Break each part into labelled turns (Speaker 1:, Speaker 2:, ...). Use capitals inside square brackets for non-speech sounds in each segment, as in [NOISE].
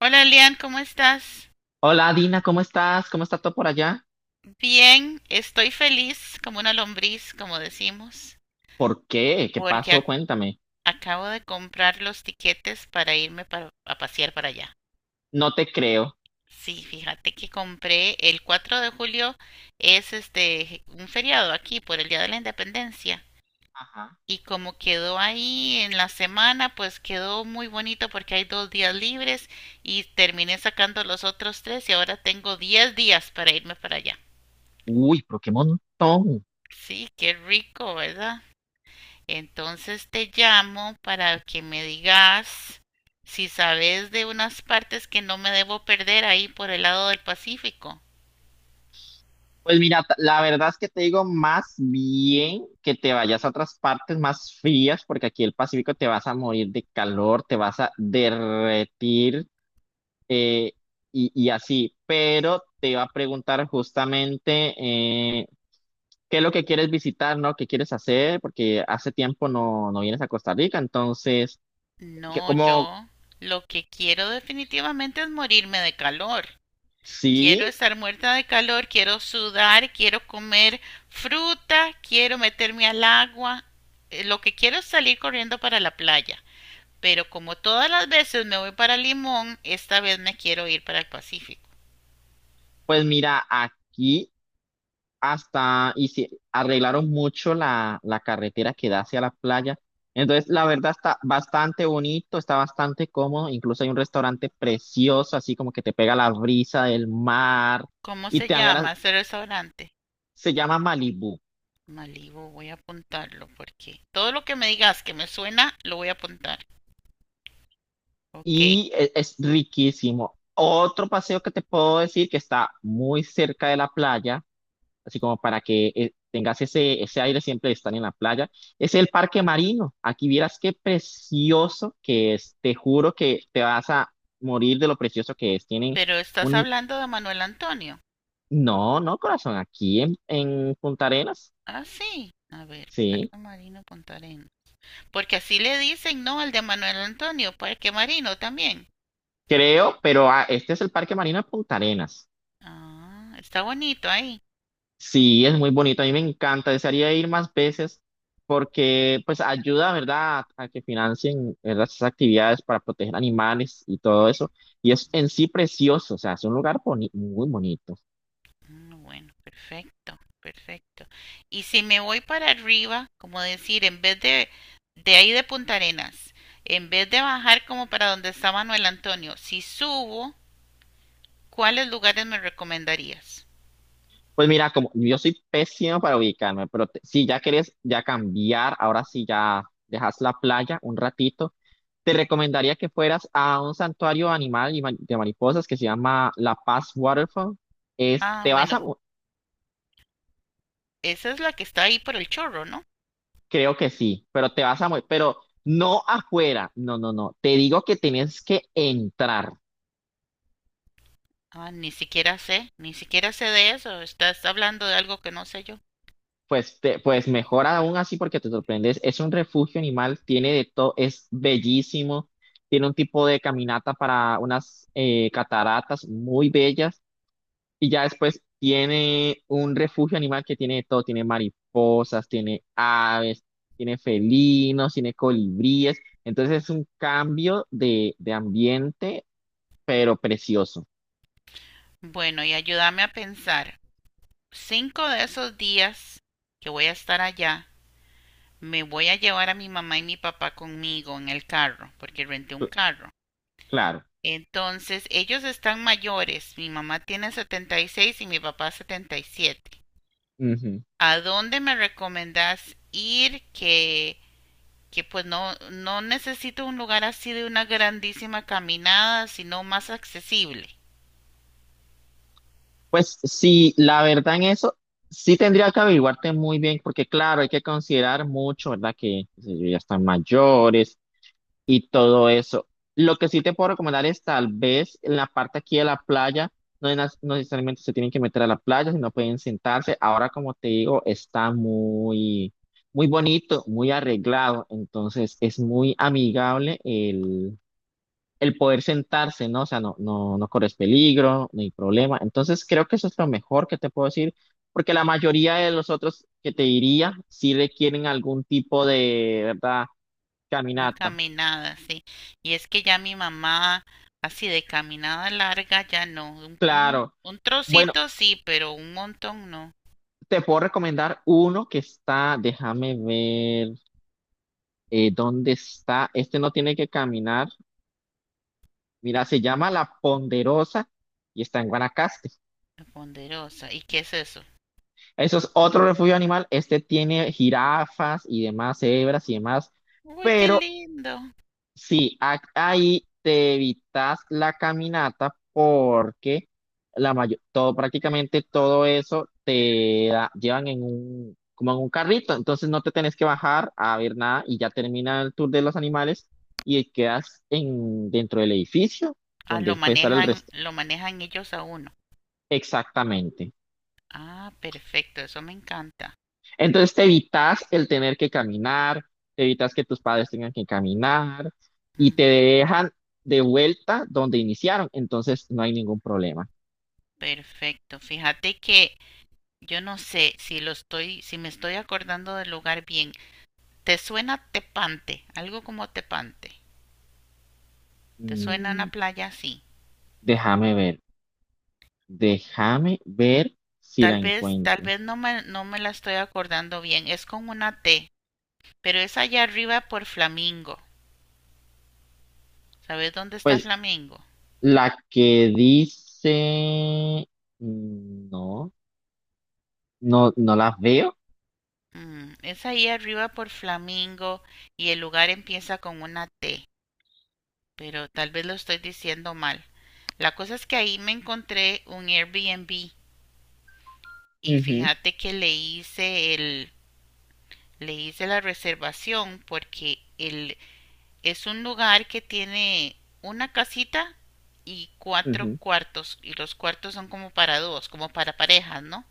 Speaker 1: Hola Elian, ¿cómo estás?
Speaker 2: Hola Dina, ¿cómo estás? ¿Cómo está todo por allá?
Speaker 1: Bien, estoy feliz como una lombriz, como decimos,
Speaker 2: ¿Por qué? ¿Qué
Speaker 1: porque
Speaker 2: pasó? Cuéntame.
Speaker 1: acabo de comprar los tiquetes para irme a pasear para allá.
Speaker 2: No te creo.
Speaker 1: Sí, fíjate que compré el 4 de julio, es este un feriado aquí por el Día de la Independencia.
Speaker 2: Ajá.
Speaker 1: Y como quedó ahí en la semana, pues quedó muy bonito porque hay 2 días libres y terminé sacando los otros tres y ahora tengo 10 días para irme para allá.
Speaker 2: Uy, pero qué montón.
Speaker 1: Sí, qué rico, ¿verdad? Entonces te llamo para que me digas si sabes de unas partes que no me debo perder ahí por el lado del Pacífico.
Speaker 2: Pues mira, la verdad es que te digo más bien que te vayas a otras partes más frías, porque aquí el Pacífico te vas a morir de calor, te vas a derretir eh, y así. Pero te iba a preguntar justamente qué es lo que quieres visitar, ¿no? ¿Qué quieres hacer? Porque hace tiempo no vienes a Costa Rica, entonces...
Speaker 1: No,
Speaker 2: ¿Cómo?
Speaker 1: yo lo que quiero definitivamente es morirme de calor.
Speaker 2: Sí,
Speaker 1: Quiero estar muerta de calor, quiero sudar, quiero comer fruta, quiero meterme al agua. Lo que quiero es salir corriendo para la playa. Pero como todas las veces me voy para Limón, esta vez me quiero ir para el Pacífico.
Speaker 2: pues mira, aquí hasta y si arreglaron mucho la carretera que da hacia la playa. Entonces, la verdad está bastante bonito, está bastante cómodo. Incluso hay un restaurante precioso, así como que te pega la brisa del mar
Speaker 1: ¿Cómo
Speaker 2: y
Speaker 1: se
Speaker 2: te dan ganas.
Speaker 1: llama ese restaurante?
Speaker 2: Se llama Malibú
Speaker 1: Malibu, voy a apuntarlo porque todo lo que me digas que me suena, lo voy a apuntar. Ok,
Speaker 2: y es riquísimo. Otro paseo que te puedo decir que está muy cerca de la playa así como para que tengas ese, ese aire siempre de estar en la playa. Es el Parque Marino. Aquí vieras qué precioso que es. Te juro que te vas a morir de lo precioso que es. Tienen
Speaker 1: pero estás
Speaker 2: un...
Speaker 1: hablando de Manuel Antonio.
Speaker 2: No, no, corazón, aquí en Punta Arenas,
Speaker 1: Ah, sí. A ver,
Speaker 2: sí,
Speaker 1: Parque Marino Punta Arenas. Porque así le dicen, ¿no? Al de Manuel Antonio, Parque Marino también.
Speaker 2: creo, pero ah, este es el Parque Marino de Punta Arenas.
Speaker 1: Ah, está bonito ahí.
Speaker 2: Sí, es muy bonito. A mí me encanta. Desearía ir más veces porque pues ayuda, ¿verdad?, a que financien, ¿verdad?, esas actividades para proteger animales y todo eso. Y es en sí precioso, o sea, es un lugar muy bonito.
Speaker 1: Mm, bueno, perfecto, perfecto. Y si me voy para arriba, como decir, en vez de ahí de Punta Arenas, en vez de bajar como para donde está Manuel Antonio, si subo, ¿cuáles lugares me recomendarías?
Speaker 2: Pues mira, como yo soy pésimo para ubicarme, pero si ya querés ya cambiar, ahora sí ya dejas la playa un ratito, te recomendaría que fueras a un santuario animal y de mariposas que se llama La Paz Waterfall. Es,
Speaker 1: Ah,
Speaker 2: te vas
Speaker 1: bueno,
Speaker 2: a...
Speaker 1: esa es la que está ahí por el chorro, ¿no?
Speaker 2: Creo que sí, pero te vas a morir, pero no afuera, no, no, no, te digo que tienes que entrar,
Speaker 1: Ah, ni siquiera sé, ni siquiera sé de eso. Estás hablando de algo que no sé yo.
Speaker 2: pues, pues mejor aún así porque te sorprendes, es un refugio animal, tiene de todo, es bellísimo, tiene un tipo de caminata para unas cataratas muy bellas y ya después tiene un refugio animal que tiene de todo, tiene mariposas, tiene aves, tiene felinos, tiene colibríes, entonces es un cambio de ambiente pero precioso.
Speaker 1: Bueno, y ayúdame a pensar. Cinco de esos días que voy a estar allá, me voy a llevar a mi mamá y mi papá conmigo en el carro, porque renté un
Speaker 2: Cl-
Speaker 1: carro.
Speaker 2: Claro.
Speaker 1: Entonces, ellos están mayores. Mi mamá tiene 76 y mi papá 77.
Speaker 2: Ujú.
Speaker 1: ¿A dónde me recomendás ir que pues no necesito un lugar así de una grandísima caminada, sino más accesible.
Speaker 2: Pues sí, la verdad en eso sí tendría que averiguarte muy bien, porque claro, hay que considerar mucho, ¿verdad? Que qué sé yo, ya están mayores y todo eso. Lo que sí te puedo recomendar es tal vez en la parte aquí de la playa, no, es no necesariamente se tienen que meter a la playa, sino pueden sentarse. Ahora, como te digo, está muy, muy bonito, muy arreglado, entonces es muy amigable el poder sentarse, ¿no? O sea, no, no, no corres peligro, ni problema. Entonces, creo que eso es lo mejor que te puedo decir, porque la mayoría de los otros que te diría sí requieren algún tipo de, ¿verdad?
Speaker 1: Una
Speaker 2: Caminata.
Speaker 1: caminada, sí. Y es que ya mi mamá, así de caminada larga, ya no. Un, un-
Speaker 2: Claro.
Speaker 1: un
Speaker 2: Bueno,
Speaker 1: trocito sí, pero un montón no.
Speaker 2: te puedo recomendar uno que está, déjame ver, ¿dónde está? Este no tiene que caminar. Mira, se llama La Ponderosa y está en Guanacaste.
Speaker 1: Qué Ponderosa. ¿Y qué es eso?
Speaker 2: Eso es otro refugio animal. Este tiene jirafas y demás, cebras y demás,
Speaker 1: Uy, qué
Speaker 2: pero
Speaker 1: lindo.
Speaker 2: sí, ahí te evitas la caminata porque la mayor, todo, prácticamente todo eso llevan en un, como en un carrito, entonces no te tenés que bajar a ver nada y ya termina el tour de los animales y quedas en, dentro del edificio
Speaker 1: Ah,
Speaker 2: donde puede estar el resto.
Speaker 1: lo manejan ellos a uno.
Speaker 2: Exactamente.
Speaker 1: Ah, perfecto, eso me encanta.
Speaker 2: Entonces te evitas el tener que caminar, te evitas que tus padres tengan que caminar y
Speaker 1: Mm,
Speaker 2: te dejan de vuelta donde iniciaron. Entonces no hay ningún problema.
Speaker 1: perfecto. Fíjate que yo no sé si me estoy acordando del lugar bien. ¿Te suena Tepante? Algo como Tepante. ¿Te suena
Speaker 2: Mm,
Speaker 1: una playa así?
Speaker 2: déjame ver, déjame ver si la
Speaker 1: Tal
Speaker 2: encuentro.
Speaker 1: vez no me la estoy acordando bien. Es con una T, pero es allá arriba por Flamingo. ¿Sabes dónde está
Speaker 2: Pues
Speaker 1: Flamingo?
Speaker 2: la que dice, mm, no, no, no la veo.
Speaker 1: Es ahí arriba por Flamingo y el lugar empieza con una T, pero tal vez lo estoy diciendo mal. La cosa es que ahí me encontré un Airbnb y
Speaker 2: Ujú,
Speaker 1: fíjate que le hice la reservación porque el, es un lugar que tiene una casita y cuatro
Speaker 2: ujú,
Speaker 1: cuartos. Y los cuartos son como para dos, como para parejas, ¿no?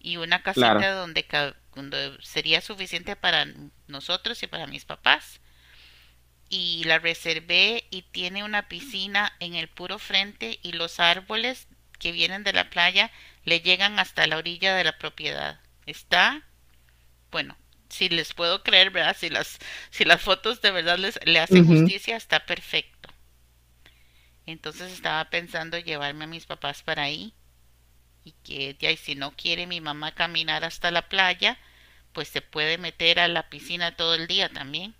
Speaker 1: Y una
Speaker 2: claro.
Speaker 1: casita donde, ca- donde sería suficiente para nosotros y para mis papás. Y la reservé y tiene una piscina en el puro frente y los árboles que vienen de la playa le llegan hasta la orilla de la propiedad. Está, bueno, si les puedo creer, ¿verdad? Si las fotos de verdad le hacen
Speaker 2: Ujú,
Speaker 1: justicia, está perfecto. Entonces estaba pensando llevarme a mis papás para ahí y que ella, y si no quiere mi mamá caminar hasta la playa, pues se puede meter a la piscina todo el día también.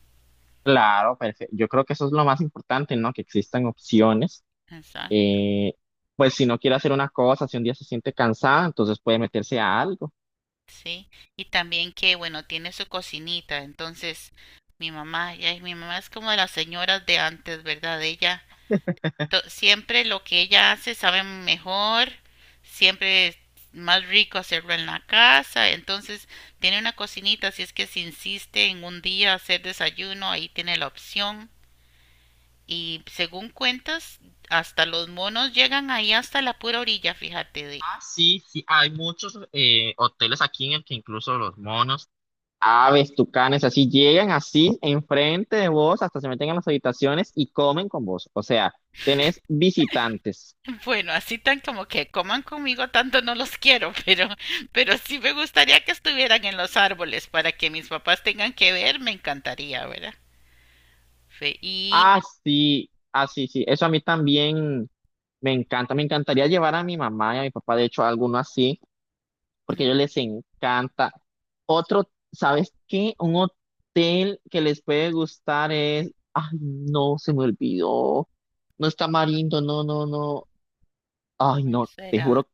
Speaker 2: claro, perfecto. Yo creo que eso es lo más importante, ¿no? Que existan opciones.
Speaker 1: Exacto.
Speaker 2: Eh, pues si no quiere hacer una cosa, si un día se siente cansada, entonces puede meterse a algo.
Speaker 1: Sí, y también que, bueno, tiene su cocinita, entonces mi mamá, ya, mi mamá es como de las señoras de antes, ¿verdad? Ella siempre lo que ella hace sabe mejor, siempre es más rico hacerlo en la casa, entonces tiene una cocinita, si es que se insiste en un día hacer desayuno, ahí tiene la opción. Y según cuentas, hasta los monos llegan ahí hasta la pura orilla, fíjate de.
Speaker 2: Ah,
Speaker 1: [LAUGHS]
Speaker 2: sí, sí, hay muchos hoteles aquí en el que incluso los monos. Aves, tucanes, así llegan así enfrente de vos, hasta se meten en las habitaciones y comen con vos. O sea, tenés visitantes.
Speaker 1: Bueno, así tan como que coman conmigo tanto no los quiero, [LAUGHS] pero sí me gustaría que estuvieran en los árboles para que mis papás tengan que ver, me encantaría, ¿verdad? Fe- Y
Speaker 2: Ah, así, así, sí, sí. Eso a mí también me encanta. Me encantaría llevar a mi mamá y a mi papá, de hecho, a alguno así, porque a ellos les encanta. Otro, ¿sabes qué? Un hotel que les puede gustar es, ay, no, se me olvidó. No está Marindo, no, no, no. Ay,
Speaker 1: ¿Cuál
Speaker 2: no, te
Speaker 1: será?
Speaker 2: juro,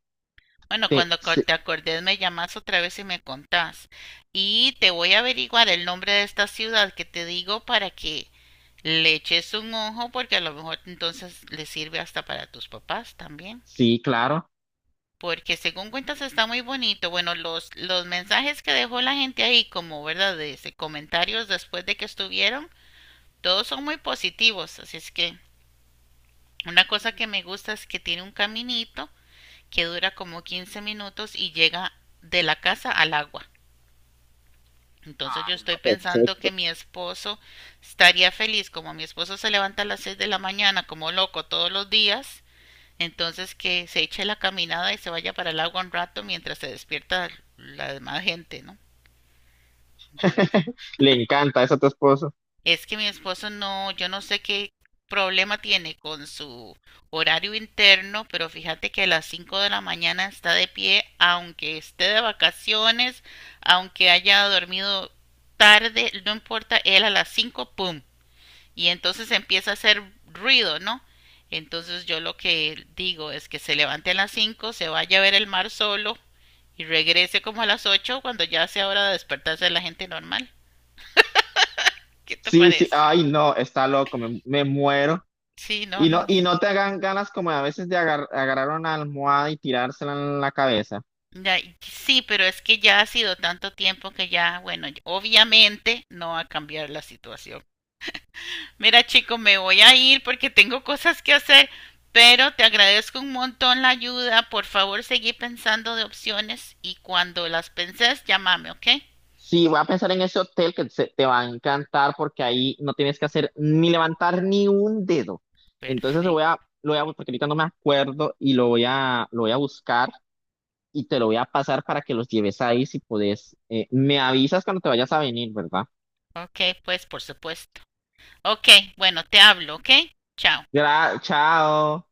Speaker 1: Bueno,
Speaker 2: te,
Speaker 1: cuando
Speaker 2: sí,
Speaker 1: te acordes me llamas otra vez y me contás. Y te voy a averiguar el nombre de esta ciudad que te digo para que le eches un ojo porque a lo mejor entonces le sirve hasta para tus papás también.
Speaker 2: sí, claro.
Speaker 1: Porque según cuentas está muy bonito. Bueno, los mensajes que dejó la gente ahí como, ¿verdad? De comentarios después de que estuvieron, todos son muy positivos. Así es que una cosa que me gusta es que tiene un caminito que dura como 15 minutos y llega de la casa al agua. Entonces yo
Speaker 2: Ay,
Speaker 1: estoy
Speaker 2: no,
Speaker 1: pensando que
Speaker 2: perfecto.
Speaker 1: mi esposo estaría feliz, como mi esposo se levanta a las 6 de la mañana como loco todos los días, entonces que se eche la caminada y se vaya para el agua un rato mientras se despierta la demás gente, ¿no? Entonces,
Speaker 2: [LAUGHS] Le encanta eso a tu esposo.
Speaker 1: es que mi esposo no, yo no sé qué problema tiene con su horario interno, pero fíjate que a las 5 de la mañana está de pie, aunque esté de vacaciones, aunque haya dormido tarde, no importa, él a las 5, ¡pum! Y entonces empieza a hacer ruido, ¿no? Entonces yo lo que digo es que se levante a las 5, se vaya a ver el mar solo y regrese como a las 8 cuando ya sea hora de despertarse de la gente normal. ¿Qué te
Speaker 2: Sí, sí,
Speaker 1: parece?
Speaker 2: ay, no, está loco, me muero.
Speaker 1: Sí, no, no.
Speaker 2: Y no te hagan ganas como a veces de agarrar una almohada y tirársela en la cabeza.
Speaker 1: Ya, sí, pero es que ya ha sido tanto tiempo que ya, bueno, ya, obviamente no va a cambiar la situación. Mira, chico, me voy a ir porque tengo cosas que hacer, pero te agradezco un montón la ayuda. Por favor, seguí pensando de opciones y cuando las penses, llámame, ¿ok?
Speaker 2: Sí, voy a pensar en ese hotel que te va a encantar porque ahí no tienes que hacer ni levantar ni un dedo. Entonces
Speaker 1: Perfecto.
Speaker 2: lo voy a, porque ahorita no me acuerdo y lo voy a buscar y te lo voy a pasar para que los lleves ahí si podés. Me avisas cuando te vayas a venir, ¿verdad?
Speaker 1: Ok, pues por supuesto. Ok, bueno, te hablo, ¿ok? Chao.
Speaker 2: Chao.